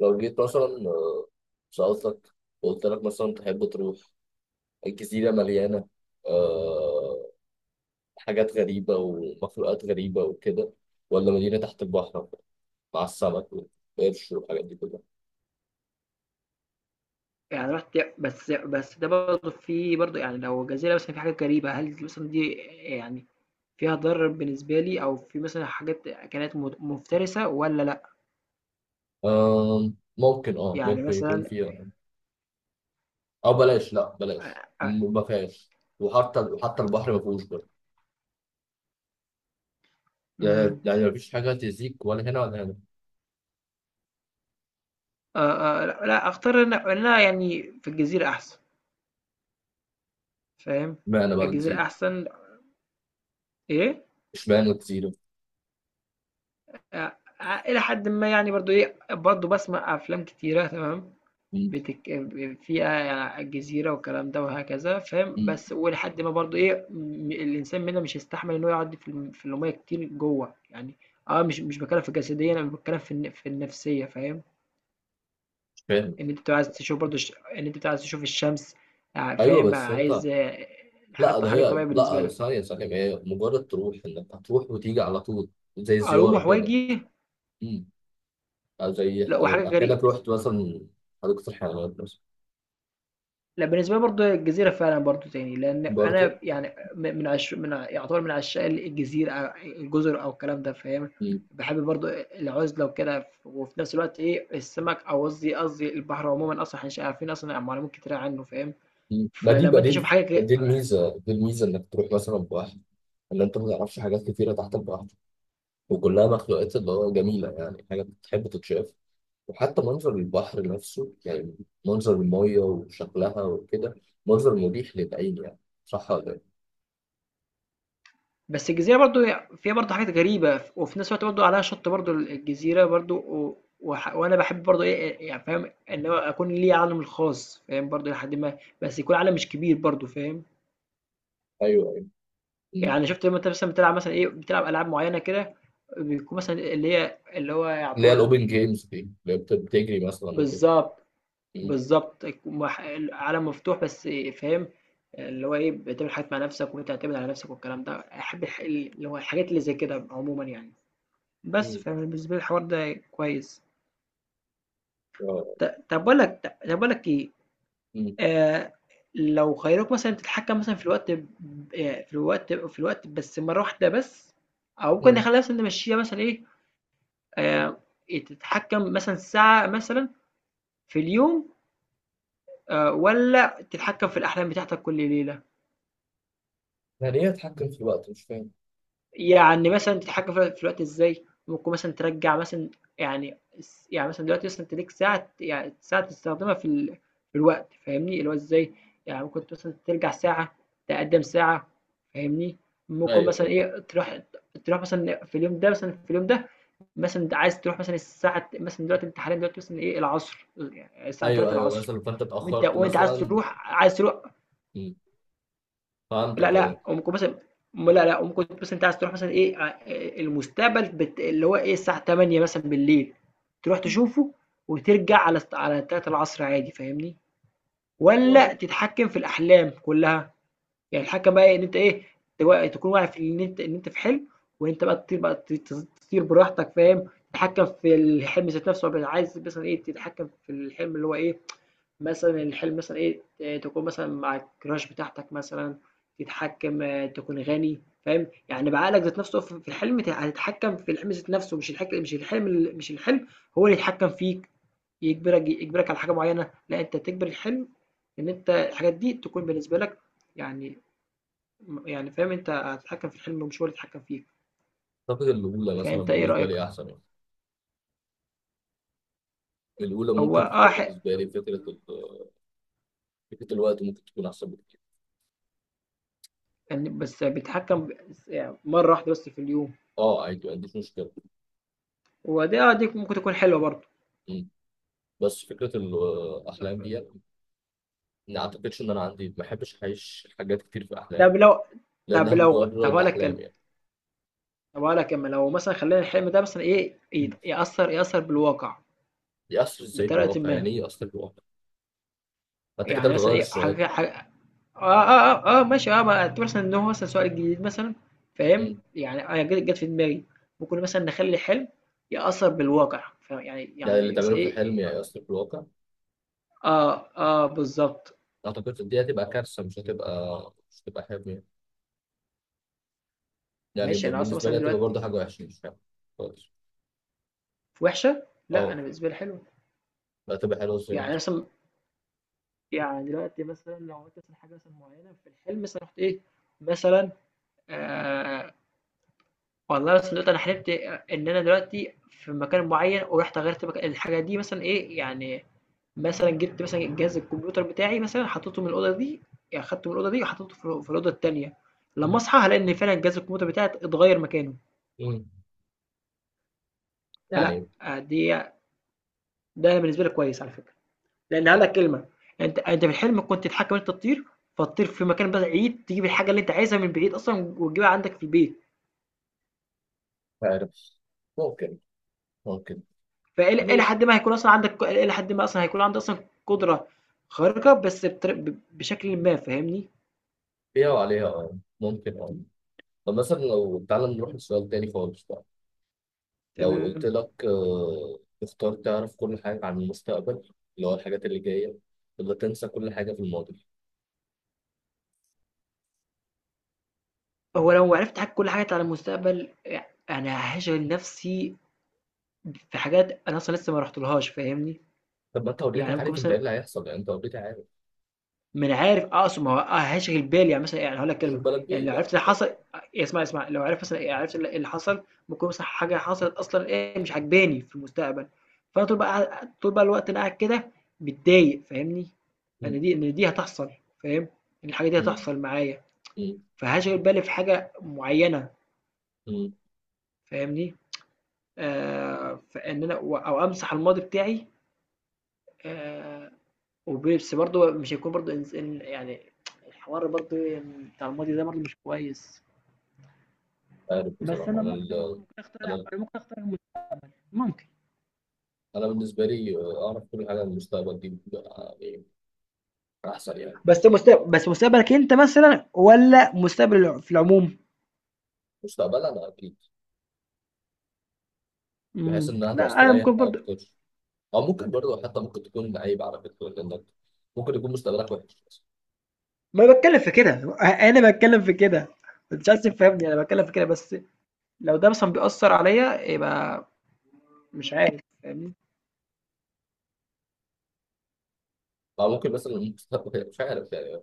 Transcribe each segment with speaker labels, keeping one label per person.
Speaker 1: لو جيت مثلا سألتك وقلت لك مثلا تحب تروح الجزيرة مليانة آه حاجات غريبة ومخلوقات غريبة وكده، ولا مدينة تحت البحر مع السمك والقرش والحاجات دي كلها؟
Speaker 2: رُحت، بس ده برضه برضه يعني لو جزيرة مثلًا فيها حاجات غريبة، هل مثلًا دي يعني فيها ضرر بالنسبة لي، أو في مثلًا حاجات أكلات مفترسة والّا لأ؟
Speaker 1: آه، ممكن
Speaker 2: يعني
Speaker 1: ممكن يكون
Speaker 2: مثلًا
Speaker 1: فيها، أو بلاش، لا بلاش،
Speaker 2: أ أ
Speaker 1: ما فيهاش. وحتى البحر ما فيهوش برضه. يعني
Speaker 2: إمم.
Speaker 1: يعني مفيش حاجة تزيك ولا هنا ولا هنا.
Speaker 2: لأ، لأ، أختار إن أنا يعني في الجزيرة أحسن، فاهم؟
Speaker 1: اشمعنى بقى الجزيرة؟
Speaker 2: الجزيرة أحسن. إيه؟
Speaker 1: اشمعنى الجزيرة؟
Speaker 2: أ أ إلى حدٍ ما يعني برضه إيه، برضه باسمع أفلام كتيرة، تمام؟
Speaker 1: مم،
Speaker 2: بتك... فيها جزيرة والكلام ده وهكذا، فاهم؟
Speaker 1: مم،
Speaker 2: بس ولحد ما برضو ايه، الانسان منها مش هيستحمل ان هو يقعد في المية كتير جوه يعني. اه، مش بتكلم في الجسدية، انا بتكلم في النفسية، فاهم؟
Speaker 1: مش فاهم.
Speaker 2: ان انت بتبقى عايز تشوف برضو ان انت بتبقى عايز تشوف الشمس. آه،
Speaker 1: ايوه
Speaker 2: فاهم،
Speaker 1: بس
Speaker 2: عايز
Speaker 1: انت،
Speaker 2: آه،
Speaker 1: لا ده
Speaker 2: حاجات
Speaker 1: هي،
Speaker 2: طبيعية بالنسبة
Speaker 1: لا
Speaker 2: لك.
Speaker 1: ثانية ثانية هي مجرد تروح، انك هتروح وتيجي على طول، زي زيارة
Speaker 2: اروح
Speaker 1: كده.
Speaker 2: واجي.
Speaker 1: امم، أو
Speaker 2: لا، وحاجة
Speaker 1: يبقى كأنك
Speaker 2: غريبة.
Speaker 1: رحت مثلا حديقة الحيوانات مثلا.
Speaker 2: لا، بالنسبة لي برضه الجزيرة فعلًا برضه تاني، لإن
Speaker 1: برضه.
Speaker 2: أنا يعني م من عش من ع يعتبر من عشاق الجزيرة، الجزر أو الكلام ده، فاهم؟
Speaker 1: امم،
Speaker 2: باحب برضه العُزلة وكده، ف وفي نفس الوقت إيه، السمك، أو قصدي البحر عمومًا، أصلًا إحنا مش عارفين أصلًا معلومات كتيرة عنه، فاهم؟
Speaker 1: أمم. ما دي
Speaker 2: فلمّا أنت تشوف
Speaker 1: بديل،
Speaker 2: حاجة ك
Speaker 1: دي الميزة انك تروح مثلا بواحد، ان انت ما تعرفش حاجات كتيرة تحت البحر، وكلها مخلوقات اللي هو جميلة، يعني حاجة بتحب تتشاف. وحتى منظر البحر نفسه يعني، منظر المية وشكلها وكده، منظر مريح للعين يعني. صح ولا إيه؟
Speaker 2: بس الجزيرة برضه هي فيها برضه حاجات غريبة، ف وفي نفس الوقت برضه عليها شَط برضه، الجزيرة برضه و وح وأنا باحب برضه إيه، يعني فاهم، إن هو أكون ليّا عالمي الخاص، فاهم؟ برضه إلى حدٍ ما، بس يكون عالم مش كبير برضه، فاهم؟
Speaker 1: ايوه، ايوه.
Speaker 2: يعني شُفت لمّا أنت مثلًا بتلعب مثلًا إيه، بتلعب ألعاب معيّنة كده، بيكون مثلًا اللي هي اللي هو
Speaker 1: اللي هي
Speaker 2: يعتبر
Speaker 1: الاوبن جيمز دي اللي هي بتجري مثلا كده.
Speaker 2: بالضبط،
Speaker 1: مم.
Speaker 2: بالضبط. يك مح ال عالم مفتوح بس إيه، فاهم، اللي هو إيه، بتعمل حاجات مع نَفْسك وبتعتمد على نَفْسك والكلام ده. أحب الح اللي هو الحاجات اللي زي كده عمومًا يعني. بس
Speaker 1: مم.
Speaker 2: فبالنسبة لي الحوار ده كويس.
Speaker 1: آه.
Speaker 2: ط طَب باقول لك ط طَب باقول لك إيه،
Speaker 1: مم.
Speaker 2: آآ لو خيّروك مثلًا تتحكّم مثلًا في الوقت، في الوقت بس مرّة واحدة بس، أو ممكن
Speaker 1: مم.
Speaker 2: نخلّيها مثلًا نمشّيها مثلًا إيه، آه، إيه، تتحكم مثلا ساعة مثلا في اليوم، آه، ولا تتحكم في الأحلام بتاعتك كل ليلة؟
Speaker 1: يعني ايه اتحكم في الوقت؟ مش فاهم.
Speaker 2: يعني مثلا تتحكم في الوقت إزاي، ممكن مثلا ترجع مثلا، يعني، يعني مثلا دلوقتي مثلا أنت ليك ساعة، يعني ساعة تستخدمها في, في الوقت، فاهمني؟ اللي هو إزاي، يعني ممكن مثلا ترجع ساعة، تقدم ساعة، فاهمني؟ ممكن
Speaker 1: ايوه،
Speaker 2: مثلا
Speaker 1: ايوه.
Speaker 2: إيه تروح، تروح مثلا في اليوم ده مثلا في اليوم ده مثلًا أنت عايز تروح مثلًا الساعة مثلًا، دلوقتي أنت حاليًا دلوقتي مثلًا إيه العصر، يعني الساعة
Speaker 1: ايوه ايوه،
Speaker 2: 15:00،
Speaker 1: مثلا فانت
Speaker 2: وأنت
Speaker 1: اتاخرت
Speaker 2: وأنت عايز
Speaker 1: مثلا.
Speaker 2: تروح، عايز تروح،
Speaker 1: مم.
Speaker 2: لأ،
Speaker 1: فهمتك، اه.
Speaker 2: لأ، ممكن مثلًا، لأ، لأ، ممكن مثلًا أنت عايز تروح مثلًا إيه، المستقبل، اللي هو إيه الساعة 20:00 مثلًا بالليل، تروح تشوفه وترجع على 15:00 عادي، فاهمني؟ والّا
Speaker 1: آه.
Speaker 2: تتحكم في الأحلام كلها؟ يعني الحكم بقى إيه؟ إن أنت إيه، تكون واعي في إن أنت، في حلم، وإن أنت بقى تطير بقى، تطير براحتك، فاهم؟ تتحكم في الحلم ذات نفسه، وبقى عايز مثلا إيه تتحكم في الحلم اللي هو إيه، مثلا الحلم مثلا إيه تكون مثلا مع الكراش بتاعتك مثلا، تتحكم آه، تكون غني، فاهم؟ يعني بعقلك ذات نفسه في الحلم، هتتحكم في الحلم ذات نفسه، مش الحلم، مش الحلم، هو اللي يتحكم فيك، يجبرك على حاجه معينه، لا انت تجبر الحلم، ان انت الحاجات دي تكون بالنسبه لك يعني، يعني فاهم أنت هتتحكم في الحلم مش هو اللي يتحكم فيك.
Speaker 1: اعتقد الاولى مثلا
Speaker 2: فأنت إيه
Speaker 1: بالنسبه
Speaker 2: رأيك؟
Speaker 1: لي احسن يعني. الاولى
Speaker 2: هو
Speaker 1: ممكن
Speaker 2: آه
Speaker 1: تكون
Speaker 2: حق.
Speaker 1: بالنسبه لي، فكره فكره الوقت ممكن تكون احسن بكتير.
Speaker 2: يعني بس بيتحكم يعني مرة واحدة بس في اليوم.
Speaker 1: اه، عادي، ما عنديش مشكله.
Speaker 2: ودي آه دي ممكن تكون حلوة برضه.
Speaker 1: مم. بس فكره الاحلام دي يعني، ما اعتقدش ان انا عندي، ما بحبش اعيش حاجات كتير في احلام،
Speaker 2: طب لو
Speaker 1: لانها
Speaker 2: طب
Speaker 1: مجرد
Speaker 2: هقول لك
Speaker 1: احلام.
Speaker 2: كلمة، طب هقول لك كلمة لو مثلا خلينا الحلم ده مثلا إيه،
Speaker 1: يعني
Speaker 2: يأثر، يأثر بالواقع
Speaker 1: يأثر ازاي
Speaker 2: بطريقة
Speaker 1: بالواقع؟ يعني
Speaker 2: ما.
Speaker 1: ايه يأثر بالواقع؟ ما انت كده
Speaker 2: يعني مثلا
Speaker 1: بتغير
Speaker 2: إيه
Speaker 1: السؤال.
Speaker 2: حاجة، اه, آه، ماشي، اه، ما اعتبر مثلا ان هو مثلا سؤال جديد مثلا، فاهم؟
Speaker 1: مم.
Speaker 2: يعني انا جت في دماغي، ممكن مثلا نخلي حلم يأثر بالواقع، فاهم؟ يعني
Speaker 1: يعني اللي
Speaker 2: يعني بس
Speaker 1: تعمله في الحلم
Speaker 2: ايه،
Speaker 1: يعني يأثر بالواقع؟
Speaker 2: اه بالظبط.
Speaker 1: اعتقد دي هتبقى كارثة. مش هتبقى حلم يعني. يعني
Speaker 2: ماشي، انا اصلا
Speaker 1: بالنسبة لي
Speaker 2: مثلا
Speaker 1: هتبقى
Speaker 2: دلوقتي
Speaker 1: برضه حاجة وحشة، مش حلم خالص.
Speaker 2: في وحشه، لا
Speaker 1: اه.
Speaker 2: انا بالنسبه لي حلوه.
Speaker 1: لا، هتبقى حلوة ازاي؟
Speaker 2: يعني مثلا يعني دلوقتي مثلا لو عملت مثلا حاجه مثلا معينه في الحلم مثلا رحت ايه مثلا، آه، والله مثلا دلوقتي انا حلمت ان انا دلوقتي في مكان معين ورحت غيرت مكان الحاجه دي مثلا ايه يعني، مثلًا جِبت مثلًا جهاز الكمبيوتر بتاعي مثلًا حطّيته من الأوضة دي، يعني خدته من الأوضة دي وحطّيته في الأوضة التانية. لمّا
Speaker 1: مم.
Speaker 2: أصحى هالاقي إن فعلًا جهاز الكمبيوتر بتاعي اتغيّر مكانه.
Speaker 1: مم.
Speaker 2: فلأ
Speaker 1: يعني،
Speaker 2: آه، دي، ده بالنسبة لي كويس على فكرة، لإن هاقول
Speaker 1: لا
Speaker 2: لك كلمة، أنت في الحلم كنت تحكّم إن أنت تطير، فتطير في مكان بعيد، تجيب الحاجة اللي أنت عايزها من بعيد أصلًا وتجيبها عندك في البيت.
Speaker 1: مش عارف. ممكن، ممكن.
Speaker 2: فإلى إلى
Speaker 1: يعني
Speaker 2: حدٍ ما هيكون أصلًا عندك إلى حدٍ ما أصلًا هيكون عندي أصلًا قدرة خارقة، بس بطري ب بشكلٍ ما، فاهمني؟
Speaker 1: فيها وعليها، اه، ممكن، اه. طب مثلا لو تعالى نروح لسؤال تاني خالص بقى. لو قلت
Speaker 2: تمام.
Speaker 1: لك آه، تختار تعرف كل حاجة عن المستقبل، اللي هو الحاجات اللي جاية، ولا تنسى كل حاجة في الماضي؟
Speaker 2: هو لو عرفت حاجة، كل حاجة على المستقبل، أنا هاشغل نفسي في حاجات أنا أصلًا لسه ما رُحتلهاش، فاهمني؟
Speaker 1: طب ما انت اوريدي
Speaker 2: يعني ممكن
Speaker 1: عارف انت ايه
Speaker 2: مثلًا،
Speaker 1: اللي هيحصل، يعني انت اوريدي عارف.
Speaker 2: ما أنا عارف آه، أقصد ما هو هاشغل بالي يعني مثلًا، يعني هاقول لك
Speaker 1: مش
Speaker 2: كلمة،
Speaker 1: بالك
Speaker 2: يعني
Speaker 1: بايه
Speaker 2: لو عرفت
Speaker 1: بقى،
Speaker 2: اللي
Speaker 1: يلا.
Speaker 2: حصل إيه، اسمع، اسمع، لو عرفت مثلًا، يعني عرفت اللي حصل، ممكن مثلًا حاجة حصلت أصلًا إيه مش عاجباني في المستقبل، فأنا طول بقى طول بقى الوقت أنا قاعد كده متضايق، فاهمني؟
Speaker 1: مم.
Speaker 2: أنا دي إن دي هتحصل، فاهم؟ إن الحاجة دي
Speaker 1: مم.
Speaker 2: هتحصل معايا،
Speaker 1: مم.
Speaker 2: فهاشغل بالي في حاجة معينة،
Speaker 1: مم.
Speaker 2: فاهمني؟ آه، فان انا و- او امسح الماضي بتاعي آه، وبس برضه مش هيكون برضه يعني الحوار برضه بتاع الماضي ده برضه مش كويس.
Speaker 1: عارف
Speaker 2: بس
Speaker 1: بصراحه
Speaker 2: انا
Speaker 1: انا
Speaker 2: ممكن،
Speaker 1: ال...
Speaker 2: ممكن اختار لا
Speaker 1: انا
Speaker 2: أنا ممكن اختار ممكن.
Speaker 1: انا بالنسبه لي آه، اعرف كل حاجه عن المستقبل دي بتبقى يعني احسن يعني.
Speaker 2: بس مستقبل، بس مستقبلك انت مثلا ولا مستقبل في العموم؟
Speaker 1: مستقبلا انا اكيد، بحيث ان
Speaker 2: مم.
Speaker 1: انا هقدر
Speaker 2: لا انا
Speaker 1: استريح
Speaker 2: ممكن برضه.
Speaker 1: اكتر. او ممكن برضه حتى ممكن تكون عيب على فكره، لانك ممكن يكون مستقبلك وحش مثلا.
Speaker 2: ما بتكلم في كده، انا بتكلم في كده، مش عايز تفهمني، انا بتكلم في كده بس، لو ده مثلا بيأثر عليا يبقى مش عارف، فاهمني؟
Speaker 1: او ممكن مثلا المستقبل مش عارف يعني،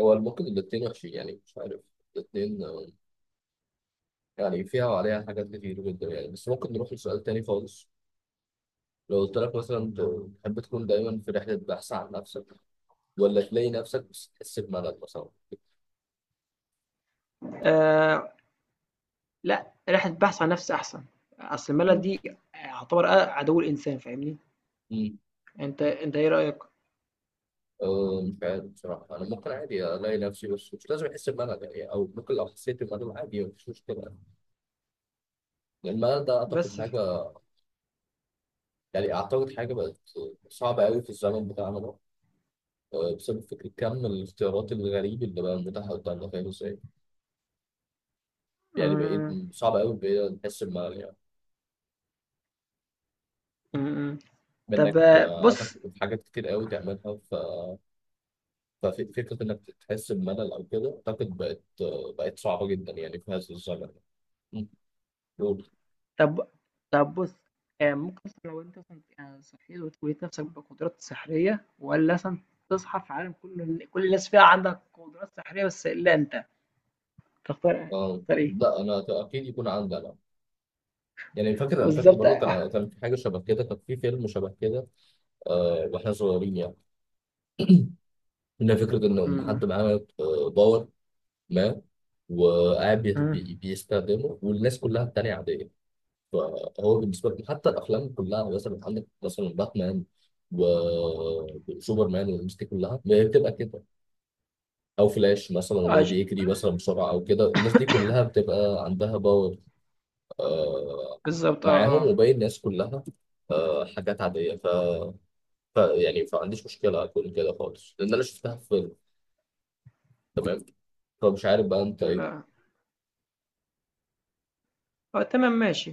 Speaker 1: هو ممكن الاثنين وحشين يعني، مش عارف الاثنين. يعني فيها وعليها حاجات كتير جدا يعني. بس ممكن نروح لسؤال تاني خالص. لو قلت لك مثلا تحب تكون دايما في رحلة بحث عن نفسك، ولا تلاقي نفسك بس تحس بملل مثلا؟
Speaker 2: آه، لأ، رحلة بحث عن نفس أحسن، أصل الملل
Speaker 1: مم.
Speaker 2: دي يعتبر عدو الإنسان، فاهمني؟
Speaker 1: مم.
Speaker 2: أنت إيه رأيك؟
Speaker 1: أه مش عارف بصراحة. أنا ممكن عادي ألاقي نفسي بس مش لازم أحس بملل يعني، أو ممكن لو حسيت بملل عادي مفيش مشكلة. يعني الملل ده أعتقد
Speaker 2: بس ف،
Speaker 1: حاجة، يعني أعتقد حاجة بقت صعبة أوي في الزمن بتاعنا ده، أه، بسبب فكرة كم الاختيارات الغريب اللي بقى متاحة قدامنا، فاهم إزاي؟ يعني بقيت
Speaker 2: إمم.
Speaker 1: صعب أوي بقيت نحس بملل يعني،
Speaker 2: إمم. إمم. طب
Speaker 1: بإنك
Speaker 2: آه،
Speaker 1: أه، عندك
Speaker 2: بُص،
Speaker 1: حاجات كتير أوي تعملها. ففكرة إنك تحس بملل أو كده أعتقد بقت صعبة جدا يعني في هذا الزمن. مم. قول.
Speaker 2: طب، طب بُص، ممكن مثلًا لو أنت مثلًا صحيت ولقيت نفسك بقدرات سحرية والّا مثلًا تصحى في عالم كل كل الناس فيه عندها قدرات سحرية بس إلا أنت، تختار،
Speaker 1: آه.
Speaker 2: تختار إيه؟
Speaker 1: لا أنا أكيد يكون عندي أنا، يعني فاكر، أنا فاكر
Speaker 2: بالضبط
Speaker 1: برضه
Speaker 2: آه.
Speaker 1: كان في حاجة شبه كده، كان في فيلم شبه كده. آه وإحنا صغيرين يعني، إن فكرة إن
Speaker 2: إمم،
Speaker 1: حد معاه آه، باور ما، وقاعد
Speaker 2: إمم.
Speaker 1: بيستخدمه، والناس كلها التانية عادية. فهو بالنسبة لهم، حتى الأفلام كلها يعني، مثلا عندك مثلا باتمان وسوبرمان والناس دي كلها، ما هي بتبقى كده. او فلاش مثلا اللي
Speaker 2: آه
Speaker 1: هو
Speaker 2: ش
Speaker 1: بيجري مثلا بسرعه او كده، الناس دي كلها بتبقى عندها باور آه
Speaker 2: بالضبط آه،
Speaker 1: معاهم،
Speaker 2: آه.
Speaker 1: وباقي الناس كلها آه حاجات عاديه. ف... ف يعني فما عنديش مشكله اكون كده خالص، لان انا شفتها في فيلم، تمام. فمش عارف بقى انت
Speaker 2: إمم،
Speaker 1: ايه
Speaker 2: آه. آه تمام ماشي.